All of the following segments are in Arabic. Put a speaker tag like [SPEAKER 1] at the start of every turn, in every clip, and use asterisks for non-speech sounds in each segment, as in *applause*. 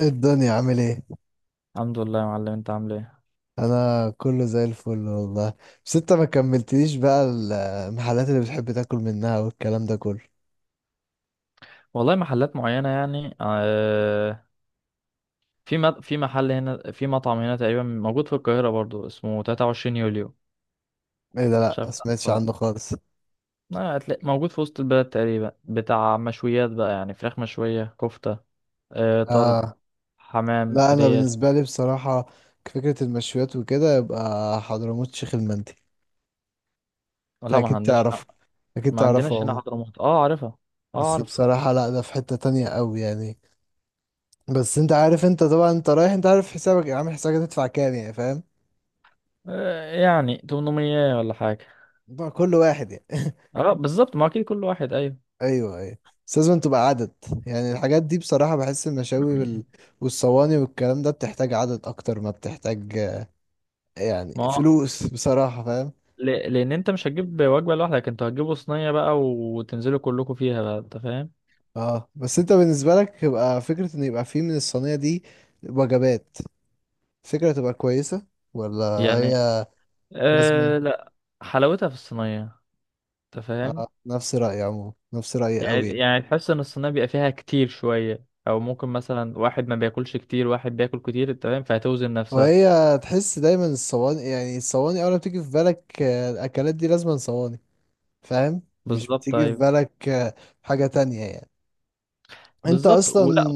[SPEAKER 1] إيه الدنيا عامل ايه؟
[SPEAKER 2] الحمد لله يا معلم، انت عامل ايه؟
[SPEAKER 1] انا كله زي الفل والله. بس انت ما كملتليش بقى المحلات اللي بتحب تاكل منها والكلام ده كله.
[SPEAKER 2] والله محلات معينة يعني آه. في محل هنا، في مطعم هنا تقريبا موجود في القاهرة برضو اسمه 23 يوليو.
[SPEAKER 1] ايه ده؟
[SPEAKER 2] مش
[SPEAKER 1] لا ما
[SPEAKER 2] عارف تعرفه
[SPEAKER 1] سمعتش
[SPEAKER 2] ولا؟
[SPEAKER 1] عنه خالص.
[SPEAKER 2] لا هتلاقي موجود في وسط البلد تقريبا، بتاع مشويات بقى، يعني فراخ مشوية، كفتة، آه، طرب،
[SPEAKER 1] اه
[SPEAKER 2] حمام،
[SPEAKER 1] لا، انا
[SPEAKER 2] ريش.
[SPEAKER 1] بالنسبه لي بصراحه فكره المشويات وكده يبقى حضرموت شيخ المندي. انت
[SPEAKER 2] لا ما
[SPEAKER 1] اكيد
[SPEAKER 2] عندناش.
[SPEAKER 1] تعرفه، اكيد
[SPEAKER 2] ما
[SPEAKER 1] تعرفه
[SPEAKER 2] عندناش هنا
[SPEAKER 1] عمو.
[SPEAKER 2] حضرموت، اه عارفها. اه
[SPEAKER 1] بس
[SPEAKER 2] عارف.
[SPEAKER 1] بصراحه لا، ده في حته تانية قوي يعني. بس انت عارف، انت طبعا انت رايح، انت عارف حسابك، عامل حسابك هتدفع كام يعني فاهم.
[SPEAKER 2] آه يعني 800 ولا حاجة.
[SPEAKER 1] بقى كل واحد يعني.
[SPEAKER 2] اه بالظبط، ما اكيد كل واحد، ايوه.
[SPEAKER 1] ايوه، ايوه. بس لازم تبقى عدد. يعني الحاجات دي بصراحة، بحس المشاوي
[SPEAKER 2] *clears throat*
[SPEAKER 1] والصواني والكلام ده بتحتاج عدد اكتر ما بتحتاج، يعني
[SPEAKER 2] ما هو،
[SPEAKER 1] فلوس بصراحة فاهم.
[SPEAKER 2] لان انت مش هتجيب وجبه لوحدك، انتوا هتجيبوا صينيه بقى وتنزلوا كلكم فيها بقى، انت فاهم.
[SPEAKER 1] اه بس انت بالنسبة لك يبقى فكرة ان يبقى فيه من الصينية دي وجبات، فكرة تبقى كويسة ولا؟
[SPEAKER 2] يعني
[SPEAKER 1] هي لازم.
[SPEAKER 2] آه لا، حلاوتها في الصينيه، انت فاهم.
[SPEAKER 1] اه نفس رأيي، عموما نفس رأيي
[SPEAKER 2] يعني
[SPEAKER 1] قوي يعني.
[SPEAKER 2] يعني تحس ان الصينيه بيبقى فيها كتير شويه، او ممكن مثلا واحد ما بياكلش كتير، واحد بياكل كتير، انت فاهم، فهتوزن نفسها.
[SPEAKER 1] وهي تحس دايما الصواني، يعني الصواني اول ما بتيجي في بالك الاكلات دي لازم صواني. فاهم، مش
[SPEAKER 2] بالظبط
[SPEAKER 1] بتيجي في
[SPEAKER 2] ايوه.
[SPEAKER 1] بالك حاجة تانية يعني. انت
[SPEAKER 2] بالظبط
[SPEAKER 1] اصلا
[SPEAKER 2] ولا.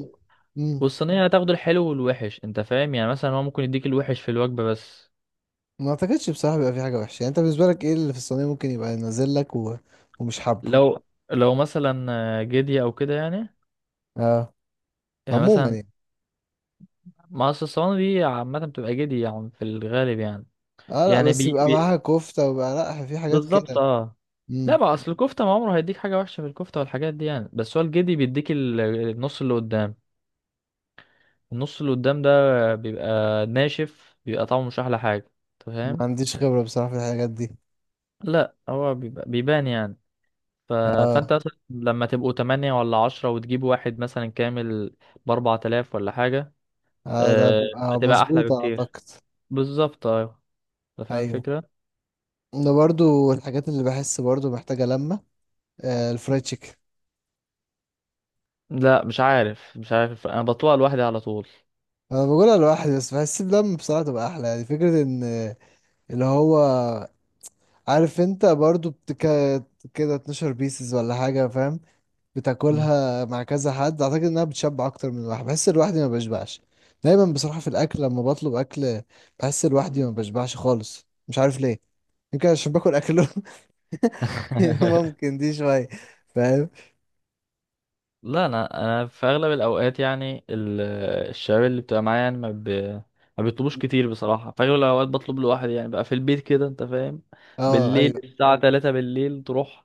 [SPEAKER 1] مم.
[SPEAKER 2] والصينيه هتاخد الحلو والوحش، انت فاهم، يعني مثلا هو ممكن يديك الوحش في الوجبه بس.
[SPEAKER 1] ما اعتقدش بصراحه بيبقى في حاجه وحشه، يعني انت بالنسبه لك ايه اللي في الصينيه ممكن يبقى نازل لك ومش حابه.
[SPEAKER 2] لو لو مثلا جدي او كده يعني.
[SPEAKER 1] اه
[SPEAKER 2] يعني
[SPEAKER 1] عموما
[SPEAKER 2] مثلا
[SPEAKER 1] يعني.
[SPEAKER 2] ما اصل الصواني دي عامة بتبقى جدي يعني في الغالب يعني.
[SPEAKER 1] اه لا
[SPEAKER 2] يعني
[SPEAKER 1] بس
[SPEAKER 2] بي...
[SPEAKER 1] يبقى معاها
[SPEAKER 2] بي...
[SPEAKER 1] كفته، ويبقى لا في حاجات
[SPEAKER 2] بالظبط
[SPEAKER 1] كده.
[SPEAKER 2] اه. لا
[SPEAKER 1] مم.
[SPEAKER 2] بقى اصل الكفتة ما عمره هيديك حاجة وحشة في الكفتة والحاجات دي يعني، بس هو الجدي بيديك النص اللي قدام. النص اللي قدام ده بيبقى ناشف، بيبقى طعمه مش أحلى حاجة. أنت
[SPEAKER 1] ما
[SPEAKER 2] فاهم.
[SPEAKER 1] عنديش خبره بصراحه في الحاجات دي.
[SPEAKER 2] لا هو بيبقى بيبان يعني. ف...
[SPEAKER 1] اه.
[SPEAKER 2] فانت مثلا لما تبقوا 8 ولا 10، وتجيب واحد مثلا كامل بـ4000 ولا حاجة.
[SPEAKER 1] اه ده
[SPEAKER 2] آه،
[SPEAKER 1] بيبقى
[SPEAKER 2] فتبقى أحلى
[SPEAKER 1] مظبوط
[SPEAKER 2] بكتير.
[SPEAKER 1] اعتقد.
[SPEAKER 2] بالظبط أيوة. أنت فاهم
[SPEAKER 1] ايوه،
[SPEAKER 2] الفكرة.
[SPEAKER 1] ده برضو الحاجات اللي بحس برضو محتاجه لمه، آه الفرايد تشيكن.
[SPEAKER 2] لا، مش عارف انا بطوع لوحدي على طول.
[SPEAKER 1] انا بقولها لوحدي، بس بحس بلمه بصراحه تبقى احلى، يعني فكره ان اللي هو عارف انت برضو كده 12 بيسز ولا حاجة فاهم،
[SPEAKER 2] مم.
[SPEAKER 1] بتاكلها مع كذا حد، اعتقد انها بتشبع اكتر من الواحد. بحس لوحدي ما بشبعش. دايما بصراحة في الاكل لما بطلب اكل، بحس لوحدي ما بشبعش خالص، مش عارف ليه. يمكن عشان باكل اكله. *laughs*
[SPEAKER 2] *laughs*
[SPEAKER 1] ممكن دي شوية فاهم.
[SPEAKER 2] لا، انا في اغلب الاوقات يعني الشباب اللي بتبقى معايا يعني ما بيطلبوش كتير بصراحه، في اغلب الاوقات بطلب لوحدي يعني بقى في البيت كده، انت فاهم.
[SPEAKER 1] اه
[SPEAKER 2] بالليل
[SPEAKER 1] أيوه.
[SPEAKER 2] الساعه 3 بالليل، تروح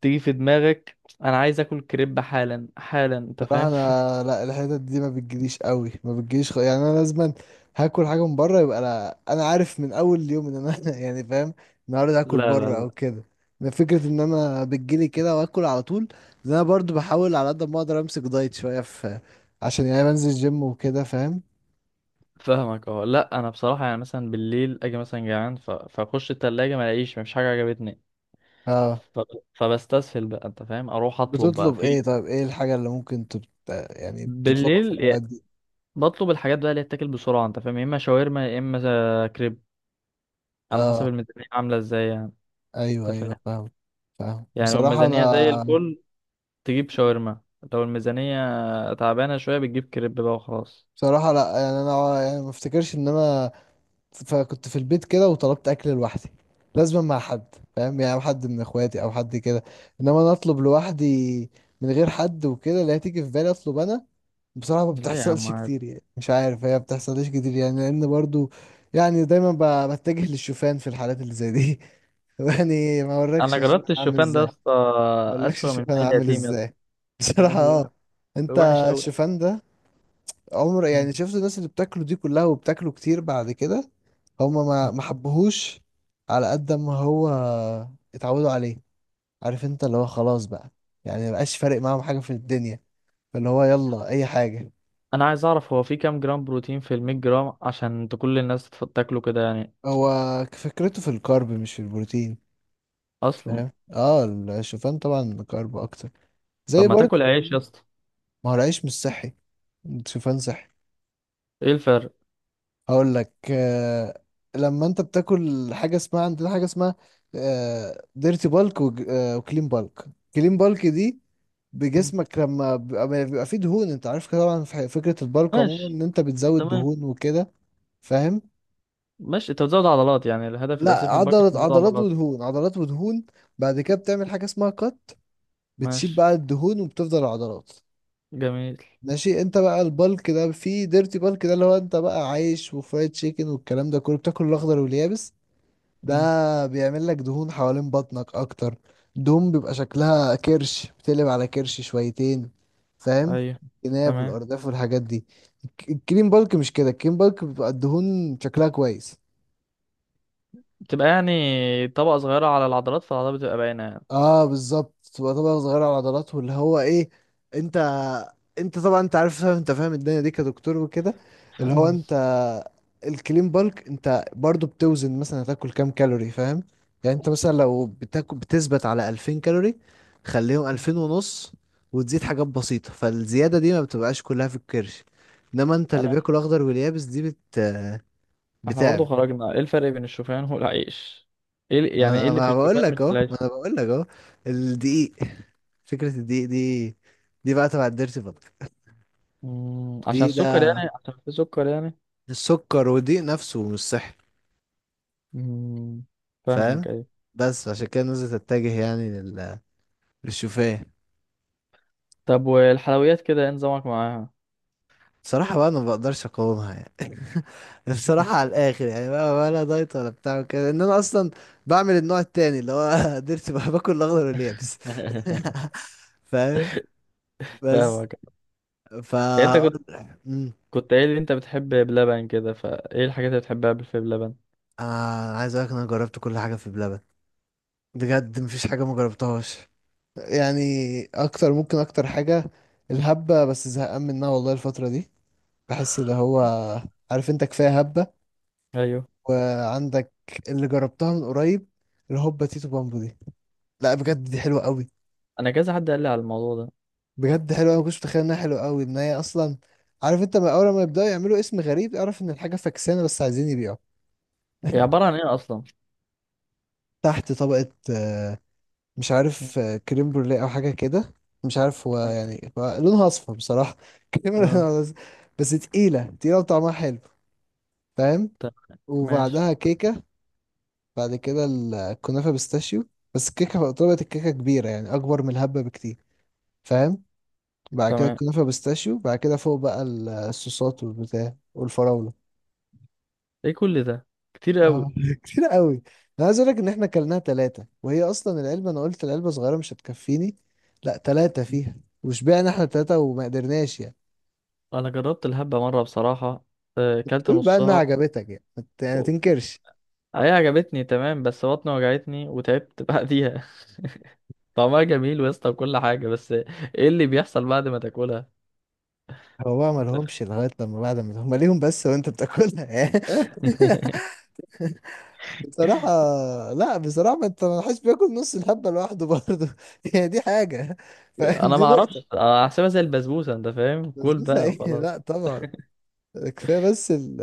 [SPEAKER 2] تيجي في دماغك انا عايز اكل كريب حالا حالا، انت
[SPEAKER 1] بصراحة
[SPEAKER 2] فاهم.
[SPEAKER 1] انا
[SPEAKER 2] *laughs*
[SPEAKER 1] لا، الحتت دي ما بتجيليش قوي، ما بتجيليش يعني انا لازما هاكل حاجة من بره، يبقى لا، انا عارف من اول يوم ان انا *laughs* يعني فاهم، النهارده هاكل
[SPEAKER 2] لا لا
[SPEAKER 1] بره
[SPEAKER 2] لا.
[SPEAKER 1] او كده. ما فكرة ان انا بتجيلي كده واكل على طول، لأن انا برضو بحاول على قد ما اقدر امسك دايت شوية، في عشان يعني بنزل جيم وكده فاهم.
[SPEAKER 2] فاهمك، اه. لا انا بصراحه يعني مثلا بالليل اجي مثلا جعان، فاخش التلاجة، ما الاقيش مفيش حاجه عجبتني.
[SPEAKER 1] اه.
[SPEAKER 2] ف- فبستسهل بقى، انت فاهم، اروح اطلب بقى
[SPEAKER 1] بتطلب ايه
[SPEAKER 2] في
[SPEAKER 1] طيب، ايه الحاجة اللي ممكن يعني بتطلبها في
[SPEAKER 2] بالليل
[SPEAKER 1] الاوقات
[SPEAKER 2] يا-
[SPEAKER 1] دي.
[SPEAKER 2] بطلب الحاجات بقى اللي تتاكل بسرعه، انت فاهم، يا اما شاورما، يا اما كريب. على حسب
[SPEAKER 1] اه،
[SPEAKER 2] الميزانيه عامله ازاي يعني.
[SPEAKER 1] ايوه،
[SPEAKER 2] انت فاهم.
[SPEAKER 1] ايوه، فاهم. فاهم
[SPEAKER 2] يعني لو
[SPEAKER 1] بصراحة
[SPEAKER 2] الميزانيه زي
[SPEAKER 1] انا،
[SPEAKER 2] الفل تجيب شاورما، لو الميزانيه تعبانه شويه بتجيب كريب بقى وخلاص.
[SPEAKER 1] بصراحة لا، يعني انا، يعني ما افتكرش ان انا فكنت في البيت كده وطلبت اكل لوحدي، لازم مع حد. فاهم، يعني حد من اخواتي او حد كده، انما انا اطلب لوحدي من غير حد وكده، لا، تيجي في بالي اطلب انا. بصراحة ما
[SPEAKER 2] لا يا عم،
[SPEAKER 1] بتحصلش
[SPEAKER 2] عادي.
[SPEAKER 1] كتير يعني، مش عارف، هي ما بتحصلش كتير يعني، لان برضو يعني دايما بتجه للشوفان في الحالات اللي زي دي. *laughs* يعني ما اوريكش
[SPEAKER 2] انا جربت
[SPEAKER 1] الشوفان عامل
[SPEAKER 2] الشوفان ده يا
[SPEAKER 1] ازاي.
[SPEAKER 2] اسطى.
[SPEAKER 1] ما اوريكش
[SPEAKER 2] اسوأ من
[SPEAKER 1] الشوفان
[SPEAKER 2] مال
[SPEAKER 1] عامل
[SPEAKER 2] اليتيم يا اسطى.
[SPEAKER 1] ازاي. *laughs*
[SPEAKER 2] يا
[SPEAKER 1] بصراحة
[SPEAKER 2] لهوي.
[SPEAKER 1] اه. انت
[SPEAKER 2] وحش قوي.
[SPEAKER 1] الشوفان ده عمر، يعني شفت الناس اللي بتاكله دي كلها، وبتاكله كتير بعد كده، هما ما حبهوش على قد ما هو اتعودوا عليه. عارف انت، اللي هو خلاص بقى يعني مبقاش فارق معاهم حاجة في الدنيا، فاللي هو يلا اي حاجة.
[SPEAKER 2] انا عايز اعرف هو في كام جرام بروتين في 100 جرام عشان تكل الناس تاكله كده يعني.
[SPEAKER 1] هو فكرته في الكارب مش في البروتين
[SPEAKER 2] اصلا.
[SPEAKER 1] فاهم. اه، الشوفان طبعا كارب اكتر
[SPEAKER 2] طب
[SPEAKER 1] زي
[SPEAKER 2] ما
[SPEAKER 1] برضه.
[SPEAKER 2] تاكل عيش يا اسطى.
[SPEAKER 1] ما هو العيش مش صحي، الشوفان صحي.
[SPEAKER 2] ايه الفرق؟
[SPEAKER 1] هقول لك آه. لما انت بتاكل حاجه اسمها عندنا، حاجه اسمها ديرتي بالك وكلين بالك. كلين بالك دي
[SPEAKER 2] مم.
[SPEAKER 1] بجسمك لما بيبقى فيه دهون. انت عارف كده طبعا، في فكره البالك عموما
[SPEAKER 2] ماشي.
[SPEAKER 1] ان انت بتزود
[SPEAKER 2] تمام.
[SPEAKER 1] دهون وكده فاهم.
[SPEAKER 2] ماشي انت بتزود عضلات، يعني الهدف
[SPEAKER 1] لا،
[SPEAKER 2] الاساسي في الباكت
[SPEAKER 1] عضلات،
[SPEAKER 2] بتزود
[SPEAKER 1] عضلات
[SPEAKER 2] عضلات.
[SPEAKER 1] ودهون، عضلات ودهون. بعد كده بتعمل حاجه اسمها كات، بتشيل
[SPEAKER 2] ماشي.
[SPEAKER 1] بقى الدهون وبتفضل العضلات.
[SPEAKER 2] جميل.
[SPEAKER 1] ماشي، انت بقى البالك ده فيه ديرتي بالك، ده اللي هو انت بقى عايش وفرايد تشيكن والكلام ده كله، بتاكل الاخضر واليابس،
[SPEAKER 2] مم.
[SPEAKER 1] ده بيعمل لك دهون حوالين بطنك اكتر. دهون بيبقى شكلها كرش، بتقلب على كرش شويتين فاهم.
[SPEAKER 2] ايوه.
[SPEAKER 1] الجناب
[SPEAKER 2] تمام.
[SPEAKER 1] والارداف والحاجات دي. الكريم بالك مش كده. الكريم بالك بيبقى الدهون شكلها كويس.
[SPEAKER 2] بتبقى يعني طبقة صغيرة على العضلات، فالعضلات بتبقى باينة يعني.
[SPEAKER 1] اه بالظبط، تبقى طبقة صغيرة على العضلات، واللي هو ايه، انت انت طبعا، انت عارف، انت فاهم الدنيا دي كدكتور وكده، اللي هو
[SPEAKER 2] مم.
[SPEAKER 1] انت. الكلين بالك انت برضو بتوزن مثلا هتاكل كام كالوري فاهم. يعني انت مثلا لو بتاكل بتثبت على 2000 كالوري، خليهم 2000 ونص، وتزيد حاجات بسيطة، فالزيادة دي ما بتبقاش كلها في الكرش، انما انت اللي
[SPEAKER 2] انا.
[SPEAKER 1] بياكل اخضر واليابس دي
[SPEAKER 2] احنا برضو
[SPEAKER 1] بتعمل.
[SPEAKER 2] خرجنا، ايه الفرق بين الشوفان والعيش؟ ايه
[SPEAKER 1] ما
[SPEAKER 2] يعني ايه
[SPEAKER 1] انا
[SPEAKER 2] اللي في
[SPEAKER 1] ما بقول
[SPEAKER 2] الشوفان مش
[SPEAKER 1] لك
[SPEAKER 2] في
[SPEAKER 1] اهو،
[SPEAKER 2] العيش؟
[SPEAKER 1] ما انا بقول لك اهو. الدقيق، فكرة الدقيق دي، دي بقى تبع الديرتي بطل.
[SPEAKER 2] مم. عشان
[SPEAKER 1] الدقيق
[SPEAKER 2] السكر
[SPEAKER 1] ده،
[SPEAKER 2] يعني، عشان في سكر يعني.
[SPEAKER 1] السكر والدقيق نفسه مش صحي
[SPEAKER 2] مم.
[SPEAKER 1] فاهم.
[SPEAKER 2] فاهمك ايوه.
[SPEAKER 1] بس عشان كده الناس تتجه يعني للشوفان.
[SPEAKER 2] طب والحلويات كده ايه نظامك معاها؟
[SPEAKER 1] صراحة بقى انا ما بقدرش اقاومها يعني. *laughs* بصراحة على الاخر يعني بقى، ولا دايت ولا بتاع كده، ان انا اصلا بعمل النوع التاني اللي هو *laughs* ديرتي، بقى باكل الاخضر واليابس.
[SPEAKER 2] *laughs*
[SPEAKER 1] *laughs* فاهم بس
[SPEAKER 2] فاهمك. يعني انت
[SPEAKER 1] فا
[SPEAKER 2] كنت قايل لي انت بتحب بلبن كده، فايه الحاجات اللي بتحبها في بلبن؟
[SPEAKER 1] انا عايز اقولك إن انا جربت كل حاجه في بلبن. بجد مفيش حاجه ما جربتهاش. يعني اكتر، ممكن اكتر حاجة الهبة، بس زهقان منها والله الفترة دي، بحس اللي هو، عارف انت، كفاية هبة.
[SPEAKER 2] ايوه.
[SPEAKER 1] وعندك اللي جربتها من قريب، الهوبا تيتو بامبو دي. لا بجد دي حلوة قوي.
[SPEAKER 2] انا كذا حد قال لي على الموضوع ده.
[SPEAKER 1] بجد حلوة أوي، ما كنتش متخيل انها حلوة قوي، ان هي اصلا، عارف انت، ما اول ما يبدأوا يعملوا اسم غريب اعرف ان الحاجة فكسانة بس عايزين يبيعوا.
[SPEAKER 2] هي عبارة عن ايه اصلا؟
[SPEAKER 1] *laughs* تحت طبقة مش عارف، كريم بروليه او حاجه كده، مش عارف هو، يعني هو لونها اصفر بصراحه. *laughs* كريم،
[SPEAKER 2] اه.
[SPEAKER 1] لونها أصفر. بس تقيله تقيله وطعمها حلو فاهم.
[SPEAKER 2] تمام. ماشي.
[SPEAKER 1] وبعدها كيكه، بعد كده الكنافه بيستاشيو. بس الكيكه طلبت الكيكه كبيره يعني اكبر من الهبه بكتير فاهم. بعد كده
[SPEAKER 2] تمام.
[SPEAKER 1] الكنافه بيستاشيو، بعد كده فوق بقى الصوصات والبتاع والفراوله.
[SPEAKER 2] ايه كل ده، كتير قوي.
[SPEAKER 1] اه *laughs* كتير قوي. انا عايز اقول لك ان احنا كلناها ثلاثه، وهي اصلا العلبه انا قلت العلبه صغيره مش هتكفيني، لا ثلاثه فيها، وشبعنا احنا ثلاثه وما قدرناش يعني.
[SPEAKER 2] انا جربت الهبة مرة بصراحة. آه، كلت
[SPEAKER 1] قول بقى انها
[SPEAKER 2] نصها.
[SPEAKER 1] عجبتك يعني، ما يعني
[SPEAKER 2] و-
[SPEAKER 1] تنكرش.
[SPEAKER 2] هي عجبتني تمام، بس بطني وجعتني وتعبت بعديها. *laughs* طعمها جميل ويسطا وكل حاجة، بس ايه اللي بيحصل بعد ما تاكلها؟
[SPEAKER 1] هو بقى ما لهمش لغايه لما بعد ما هم ليهم بس، وانت بتاكلها يعني. *laughs*
[SPEAKER 2] *laughs*
[SPEAKER 1] بصراحه، لا بصراحه، ما انت، ما حدش بياكل نص الحبه لوحده برضه *laughs* يعني، دي حاجه فاهم،
[SPEAKER 2] انا
[SPEAKER 1] دي
[SPEAKER 2] ما
[SPEAKER 1] نقطه.
[SPEAKER 2] اعرفش، أنا هحسبها زي البسبوسه، انت فاهم، كل
[SPEAKER 1] بسبوسه
[SPEAKER 2] بقى
[SPEAKER 1] ايه؟ *laughs*
[SPEAKER 2] وخلاص.
[SPEAKER 1] لا طبعا. كفايه بس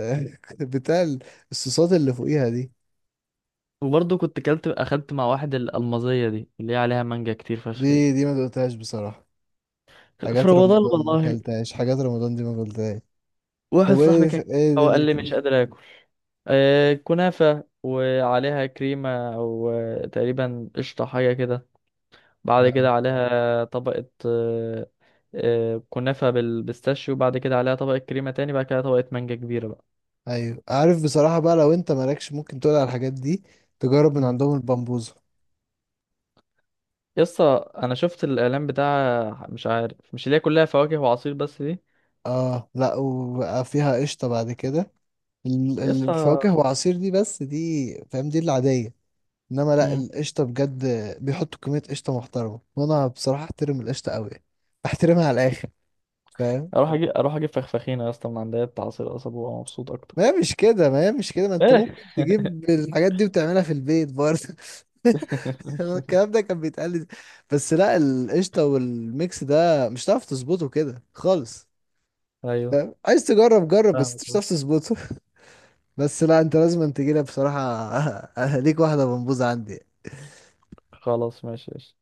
[SPEAKER 1] *laughs* بتاع الصوصات اللي فوقيها دي.
[SPEAKER 2] وبرضه كنت كلت اخدت مع واحد الالمازيه دي اللي هي عليها مانجا كتير
[SPEAKER 1] دي
[SPEAKER 2] فشخ دي.
[SPEAKER 1] دي ما دقتهاش بصراحة.
[SPEAKER 2] في
[SPEAKER 1] حاجات
[SPEAKER 2] رمضان
[SPEAKER 1] رمضان ما
[SPEAKER 2] والله.
[SPEAKER 1] اكلتهاش، حاجات رمضان دي ما اكلتهاش.
[SPEAKER 2] واحد
[SPEAKER 1] طب ايه،
[SPEAKER 2] صاحبي كان.
[SPEAKER 1] ايه
[SPEAKER 2] هو قال لي
[SPEAKER 1] دنيتي؟
[SPEAKER 2] مش قادر اكل. آه كنافه وعليها كريمه او آه، تقريبا قشطه حاجه كده. بعد كده عليها طبقه آه. آه كنافه بالبيستاشيو، بعد كده عليها طبقه كريمه تاني، بعد كده طبقه مانجا كبيره.
[SPEAKER 1] ايوه عارف بصراحة بقى، لو انت مالكش ممكن تقول على الحاجات دي، تجرب من
[SPEAKER 2] بقى.
[SPEAKER 1] عندهم البامبوزة.
[SPEAKER 2] يسطا انا شفت الاعلان بتاع، مش عارف مش اللي هي كلها فواكه وعصير بس دي.
[SPEAKER 1] اه لا، وبقى فيها قشطة بعد كده.
[SPEAKER 2] يسطا.
[SPEAKER 1] الفواكه وعصير دي بس، دي فاهم، دي العادية. انما لا،
[SPEAKER 2] مم.
[SPEAKER 1] القشطة بجد، بيحطوا كمية قشطة محترمة. وانا بصراحة احترم القشطة قوي، احترمها على الاخر فاهم.
[SPEAKER 2] اروح اجيب فخفخينه يا اسطى من عند بتاع عصير قصب وابقى مبسوط اكتر.
[SPEAKER 1] ما هي مش كده، ما هي مش كده، ما انت
[SPEAKER 2] ايه.
[SPEAKER 1] ممكن تجيب الحاجات دي وتعملها في البيت برضه. *laughs*
[SPEAKER 2] *laughs*
[SPEAKER 1] الكلام ده كان بيتقال لي. بس لا، القشطة والميكس ده مش هتعرف تظبطه كده خالص.
[SPEAKER 2] ايوه.
[SPEAKER 1] فاهم؟ عايز تجرب جرب، بس مش
[SPEAKER 2] فاهمك.
[SPEAKER 1] هتعرف تظبطه. *laughs* بس لا، انت لازم تجيلها بصراحة. *laughs* ليك واحدة منبوذة عندي.
[SPEAKER 2] خلاص ماشي.